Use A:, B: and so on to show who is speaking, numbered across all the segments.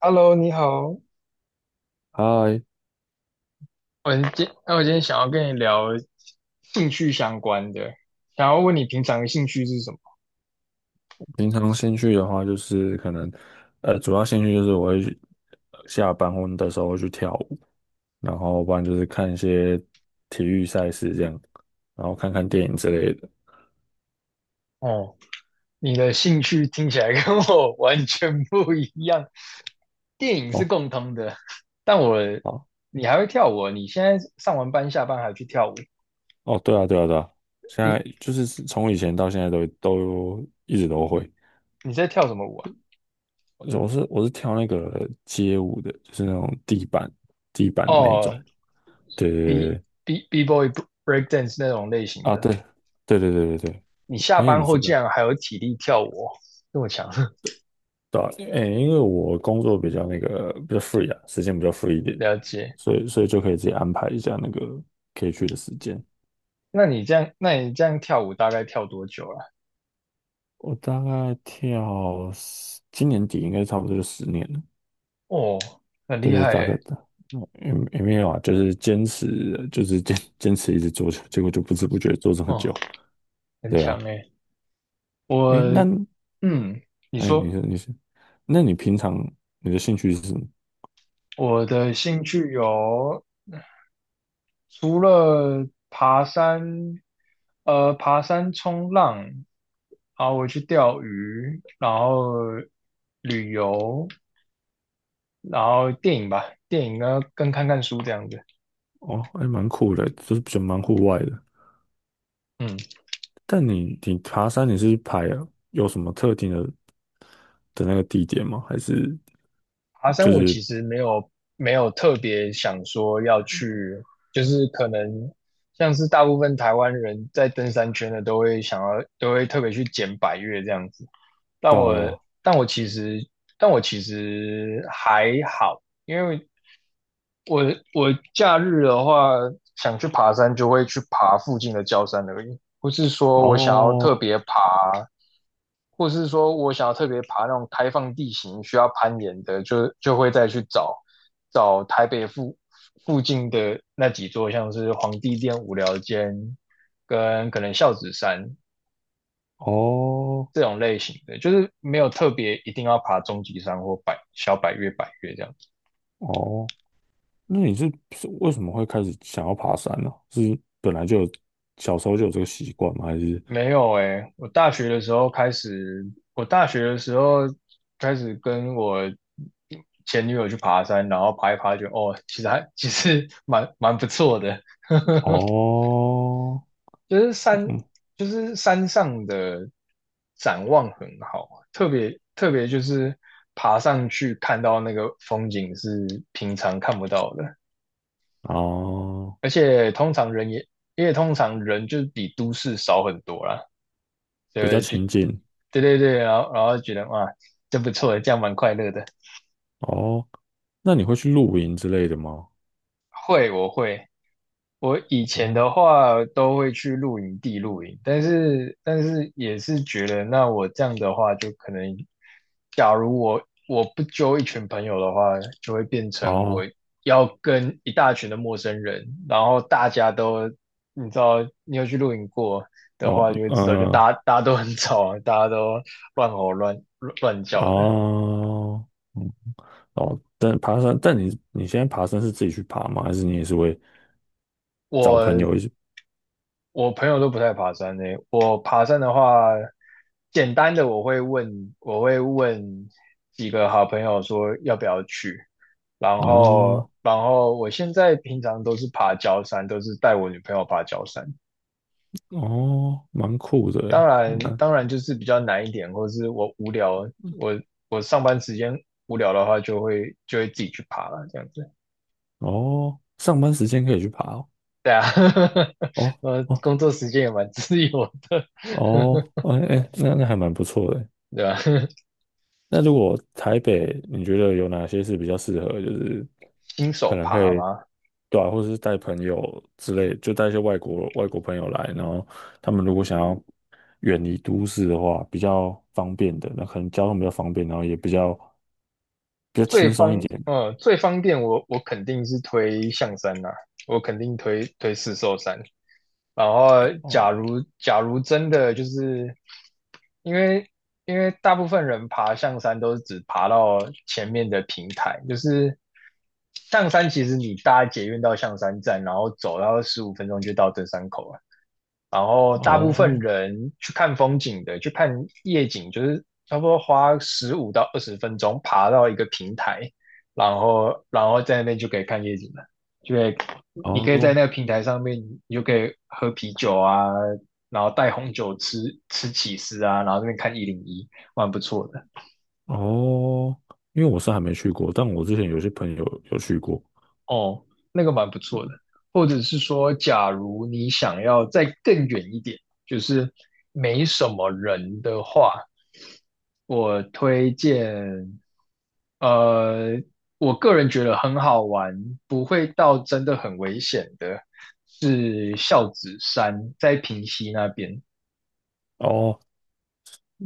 A: Hello，你好。
B: 嗨，
A: 我今天想要跟你聊兴趣相关的，想要问你平常的兴趣是什么？
B: 平常兴趣的话，就是可能，主要兴趣就是我会去下班或的时候会去跳舞，然后不然就是看一些体育赛事这样，然后看看电影之类的。
A: 哦，你的兴趣听起来跟我 完全不一样。电影是
B: 哦，
A: 共通的。但我
B: 好，
A: 你还会跳舞哦，你现在上完班下班还去跳舞？
B: 哦，对啊，对啊，对啊，现在
A: 你
B: 就是从以前到现在都一直都会。
A: 你在跳什么舞啊？
B: 我是跳那个街舞的，就是那种地板的那种。
A: 哦
B: 对对对
A: ，B
B: 对
A: B boy break dance 那种类型
B: 啊，
A: 的。
B: 对对对对对对，
A: 你下
B: 哎，
A: 班
B: 你知
A: 后
B: 道。
A: 竟然还有体力跳舞哦，这么强，
B: 对啊，诶，因为我工作比较那个比较 free 啊，时间比较 free 一 点，
A: 了解。
B: 所以就可以自己安排一下那个可以去的时间。
A: 那你这样跳舞大概跳多久了？
B: 我大概跳今年底应该差不多就10年了，
A: 哦，很厉
B: 对，
A: 害
B: 大概
A: 诶，
B: 的，也没有啊，就是坚持，就是坚持一直做，结果就不知不觉做这么
A: 哦，
B: 久。
A: 很
B: 对
A: 强
B: 啊，
A: 诶。我，
B: 哎，
A: 嗯，你
B: 哎，你
A: 说。
B: 说你是，那你平常你的兴趣是什么？
A: 我的兴趣有除了爬山，爬山、冲浪，然后我去钓鱼，然后旅游，然后电影吧，电影呢跟看看书这样子。
B: 哦，还蛮酷的，就是比较蛮户外的。
A: 嗯，
B: 但你爬山你是排，有什么特定的那个地点吗？还是
A: 爬山
B: 就
A: 我其
B: 是
A: 实没有特别想说要去，就是可能像是大部分台湾人在登山圈的都会特别去捡百岳这样子，但
B: 对啊
A: 我
B: 对啊
A: 但我其实但我其实还好，因为我我假日的话想去爬山就会去爬附近的郊山而已，不是说我想要特
B: 哦
A: 别爬，或是说我想要特别爬那种开放地形需要攀岩的，就会再去找找台北附近的那几座，像是皇帝殿、无聊间跟可能孝子山
B: 哦
A: 这种类型的，就是没有特别一定要爬终极山或百小百岳、百岳这样。
B: 哦，那你是为什么会开始想要爬山呢、是本来就有小时候就有这个习惯吗？还是
A: 没有诶，我大学的时候开始跟我前女友去爬山，然后爬一爬就，哦，其实蛮不错的，
B: 哦
A: 就是山
B: 嗯
A: 就是山上的展望很好啊，特别特别就是爬上去看到那个风景是平常看不到的，
B: 哦
A: 而且通常人也因为通常人就是比都市少很多啦，
B: 比较
A: 就
B: 亲近
A: 对对对，然后觉得哇，真不错，这样蛮快乐的。
B: 哦？那你会去露营之类的吗？
A: 会，我会，我以前
B: 哦
A: 的话都会去露营地露营，但是也是觉得，那我这样的话，就可能，假如我不揪一群朋友的话，就会变成我
B: 哦
A: 要跟一大群的陌生人，然后大家都，你知道，你有去露营过的
B: 哦
A: 话，就会知道，就大家都很吵啊，大家都乱吼乱叫的。
B: 哦。哦，但爬山，但你现在爬山是自己去爬吗？还是你也是会找朋
A: 我
B: 友一起？
A: 我朋友都不太爬山呢。我爬山的话，简单的我会问几个好朋友说要不要去，然后
B: 哦
A: 然后我现在平常都是爬郊山，都是带我女朋友爬郊山。
B: 哦，蛮酷的
A: 当
B: 诶，
A: 然
B: 蛮
A: 当然就是比较难一点，或者是我无聊，我我上班时间无聊的话，就会自己去爬了这样子。
B: 哦，上班时间可以去爬哦
A: 对啊，
B: 哦
A: 工作时间也蛮 自由的，
B: 哦哦，哎哎，那还蛮不错的欸
A: 对吧？
B: 那如果台北，你觉得有哪些是比较适合，就是
A: 新
B: 可
A: 手
B: 能可
A: 爬
B: 以，
A: 吗？
B: 对啊，或者是带朋友之类，就带一些外国朋友来，然后他们如果想要远离都市的话，比较方便的，那可能交通比较方便，然后也比较轻松一点。
A: 最方便我肯定是推象山呐。我肯定推四兽山。然后，假
B: 哦
A: 如假如真的就是因为因为大部分人爬象山都是只爬到前面的平台，就是象山其实你搭捷运到象山站，然后走，然后15分钟就到登山口了。然后大部
B: 哦
A: 分人去看风景的，去看夜景，就是差不多花15到20分钟爬到一个平台，然后在那边就可以看夜景了，就可以你可以在
B: 哦
A: 那个平台上面，你就可以喝啤酒啊，然后带红酒吃起司啊，然后这边看101，蛮不错的。
B: 哦，因为我是还没去过，但我之前有些朋友有去过。
A: 哦，那个蛮不错的。或者是说，假如你想要再更远一点，就是没什么人的话，我推荐，呃，我个人觉得很好玩，不会到真的很危险的，是孝子山，在平溪那边，
B: 哦，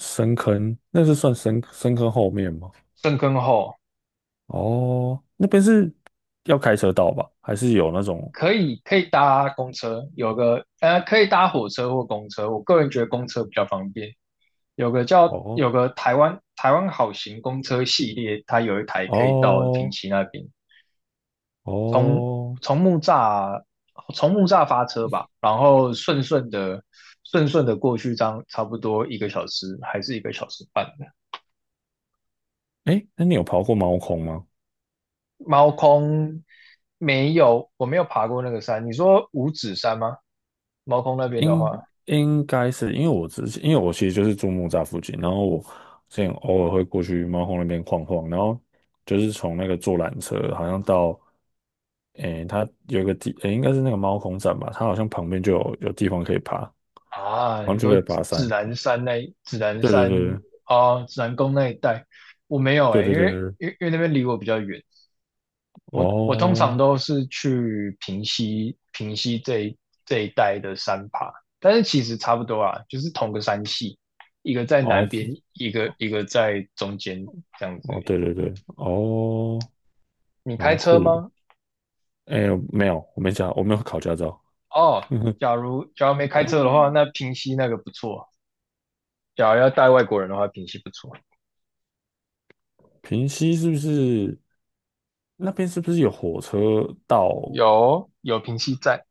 B: 深坑，那是算深坑后面吗？
A: 深坑后
B: 哦，那边是要开车到吧？还是有那种？
A: 可以搭公车，有个可以搭火车或公车，我个人觉得公车比较方便，有个叫有
B: 哦
A: 个台湾好行公车系列，它有一台可以到平
B: 哦
A: 溪那边，
B: 哦，
A: 从木栅从木栅发车吧，然后顺顺的过去，这样差不多一个小时还是1个小时半的。
B: 哎，那你有跑过猫空吗？
A: 猫空没有，我没有爬过那个山。你说五指山吗？猫空那边的话
B: 应该是因为我之前，因为我其实就是住木栅附近，然后我之前偶尔会过去猫空那边晃晃，然后就是从那个坐缆车，好像到诶，它有一个地，诶，应该是那个猫空站吧，它好像旁边就有地方可以爬，
A: 啊，
B: 好像
A: 你
B: 就
A: 说
B: 可以爬
A: 指
B: 山。
A: 南山那指南
B: 对对
A: 山
B: 对
A: 啊，哦指南宫那一带，我没有
B: 对
A: 诶，
B: 对
A: 因
B: 对
A: 为
B: 对，对
A: 因为因为那边离我比较远。我通常
B: 哦
A: 都是去平溪这一带的山爬，但是其实差不多啊，就是同个山系，一个在
B: 哦，
A: 南边，一个在中间这样子而
B: 哦，
A: 已。
B: 对对对，哦，
A: 你开
B: 蛮
A: 车
B: 酷的。
A: 吗？
B: 哎，没有，我没有考驾照。
A: 哦，假如没
B: 哦，
A: 开车的话，那平溪那个不错。假如要带外国人的话，平溪不错，
B: 平溪是不是那边是不是有火车到？
A: 有平溪在。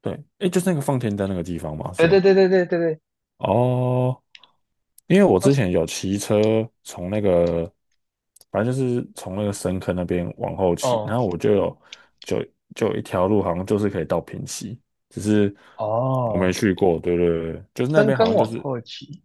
B: 对，哎，就是那个放天灯那个地方嘛，是
A: 对对
B: 吗？
A: 对对对对对。
B: 哦，因为我之前有骑车从那个，反正就是从那个深坑那边往后骑，
A: 哦
B: 然后我就就有一条路好像就是可以到平溪，只是我没
A: 哦，
B: 去过，对对对，就是那
A: 深
B: 边好
A: 坑
B: 像就
A: 往
B: 是
A: 后骑。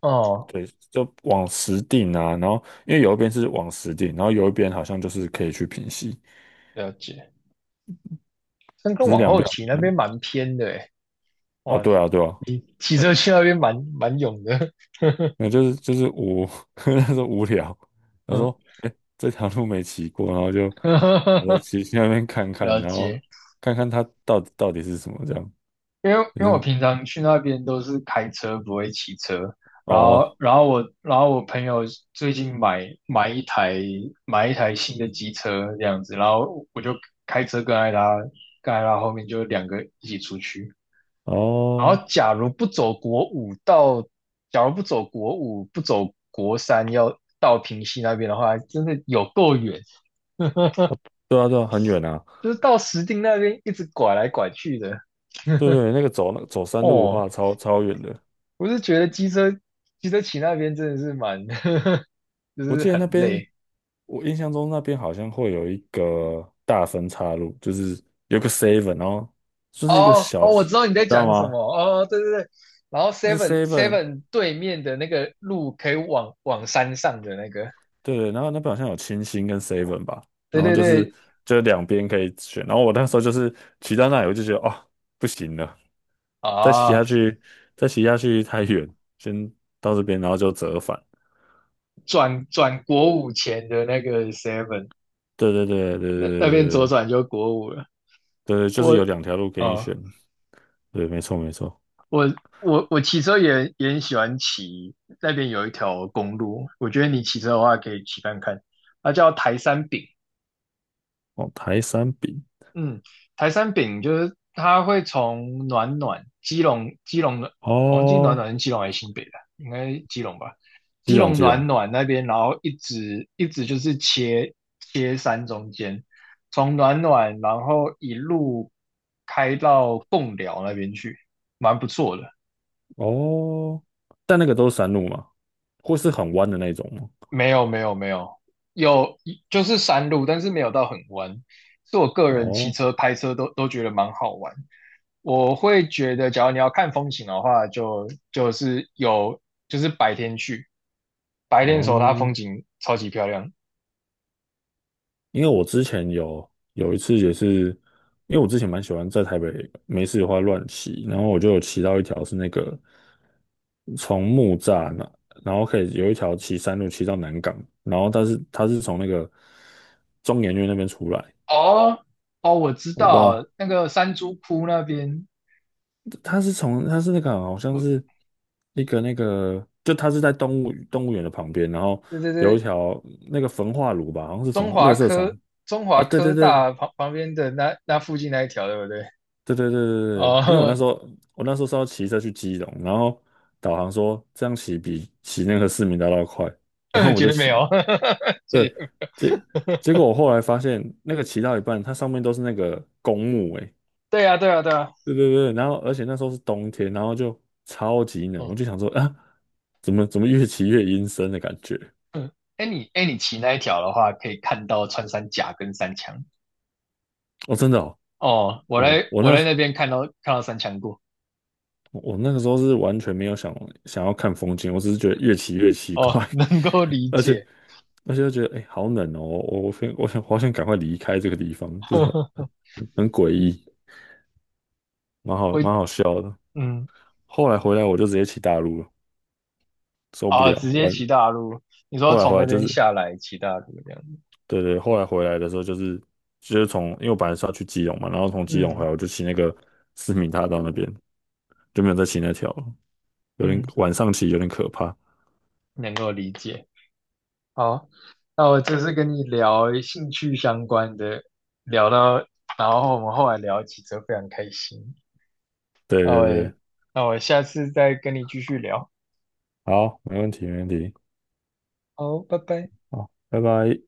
A: 哦，
B: 对，就往实定啊，然后因为有一边是往实定，然后有一边好像就是可以去平息，
A: 了解。深坑
B: 只是
A: 往
B: 两
A: 后
B: 边好
A: 骑
B: 像
A: 那
B: 感
A: 边
B: 觉
A: 蛮偏的欸。
B: 哦，
A: 哇，
B: 对啊，对啊，
A: 骑车
B: 嗯，
A: 去那边蛮勇的，
B: 那就是无，那时候无聊，他
A: 嗯，
B: 说，哎，这条路没骑过，然后就，我就 骑去那边看看，
A: 了
B: 然后
A: 解。
B: 看看它到底是什么这样，
A: 因为
B: 就
A: 因为我
B: 是
A: 平常去那边都是开车，不会骑车。然
B: 哦
A: 后然后我然后我朋友最近买一台新的机车这样子，然后我就开车跟艾拉后面就两个一起出去。然
B: 哦，
A: 后假如不走国五不走国三要到平溪那边的话，真的有够远。
B: 哦对啊对啊，很远啊，
A: 就是到石碇那边一直拐来拐去的。
B: 对对，那个走那走山路的
A: 哦，
B: 话，超远的。
A: 我是觉得机车骑那边真的是蛮，就
B: 我
A: 是
B: 记得那
A: 很
B: 边，
A: 累。
B: 我印象中那边好像会有一个大分岔路，就是有个 seven，然后就是一个
A: 哦
B: 小，
A: 哦，
B: 你
A: 我
B: 知
A: 知道你在
B: 道
A: 讲什么。
B: 吗？
A: 哦，对对对。然后
B: 那
A: Seven
B: seven，
A: Seven 对面的那个路可以往山上的那个，
B: 对，然后那边好像有清新跟 seven 吧，
A: 对
B: 然后
A: 对
B: 就是
A: 对
B: 就两边可以选，然后我那时候就是骑到那里，我就觉得哦，不行了，再骑
A: 啊，
B: 下去，再骑下去太远，先到这边，然后就折返。
A: 转国五前的那个 Seven，
B: 对对对对对对
A: 那边
B: 对
A: 左
B: 对，
A: 转就国五了。
B: 对，就是
A: 我
B: 有两条路给你
A: 嗯，
B: 选。对，没错没错。
A: 我我我骑车也很喜欢骑，那边有一条公路，我觉得你骑车的话可以骑看看，它叫台山饼。
B: 哦，台山饼。
A: 嗯，台山饼就是它会从暖暖基隆的，我忘记暖
B: 哦，
A: 暖是基隆还是新北的，应该是基隆吧？
B: 基
A: 基
B: 隆
A: 隆
B: 基
A: 暖
B: 隆
A: 暖那边，然后一直一直就是切山中间，从暖暖然后一路开到贡寮那边去，蛮不错的。
B: 哦，但那个都是山路嘛，或是很弯的那种吗？
A: 没有没有没有，有就是山路，但是没有到很弯。是我个人骑
B: 哦
A: 车、拍车都觉得蛮好玩。我会觉得，假如你要看风景的话，就就是有就是白天去，白天的时候它风
B: 哦，
A: 景超级漂亮。
B: 因为我之前有一次也是，因为我之前蛮喜欢在台北没事的话乱骑，然后我就有骑到一条是那个从木栅那，然后可以有一条骑山路骑到南港，然后但是它是从那个中研院那边出来，
A: 哦哦，我知
B: 我不知
A: 道
B: 道
A: 那个山猪窟那边。
B: 他是那个好像是
A: 我
B: 一个那个，就他是在动物园的旁边，然后
A: 对对
B: 有一
A: 对，
B: 条那个焚化炉吧，好像是焚
A: 中
B: 垃
A: 华
B: 圾场
A: 科中
B: 啊，
A: 华
B: 对对
A: 科
B: 对
A: 大旁边的那附近那一条，对不对？
B: 对对对对对，因为
A: 哦，
B: 我那时候是要骑车去基隆，然后导航说这样骑比骑那个市民大道快，然后 我
A: 绝
B: 就
A: 对没
B: 骑，
A: 有，谢
B: 对，
A: 谢。
B: 结果我后来发现那个骑到一半，它上面都是那个公墓、欸，
A: 对啊，对啊，对啊。
B: 对对对，然后而且那时候是冬天，然后就超级冷，我
A: 哦，
B: 就想说啊，怎么越骑越阴森的感觉？
A: 哎，你骑那一条的话，可以看到穿山甲跟山羌。
B: 哦，真的哦，
A: 哦，我
B: 我
A: 来
B: 我
A: 我
B: 那
A: 来那边看到山墙过。
B: 我那个时候是完全没有想要看风景，我只是觉得越骑越奇
A: 哦，
B: 怪，
A: 能够理
B: 而且
A: 解。
B: 而且就觉得哎，诶好冷哦，我我想好想赶快离开这个地方，就是很 很诡异，
A: 我
B: 蛮好笑的。
A: 嗯
B: 后来回来我就直接骑大陆了，受不
A: 啊，
B: 了，
A: 直接
B: 完
A: 骑大路。你说
B: 后来
A: 从
B: 回
A: 那
B: 来就
A: 边
B: 是
A: 下来骑大路这样子。
B: 对对，后来回来的时候就是从，因为我本来是要去基隆嘛，然后从基隆回
A: 嗯
B: 来我就骑那个思明大道那边，就没有再骑那条了，有点
A: 嗯，
B: 晚上骑有点可怕。
A: 能够理解。好，那我这次跟你聊兴趣相关的，聊到，然后我们后来聊几则，非常开心。
B: 对
A: 那
B: 对
A: 我
B: 对，
A: 那我下次再跟你继续聊。
B: 好，没问题没问题，
A: 好，拜拜。
B: 好，拜拜。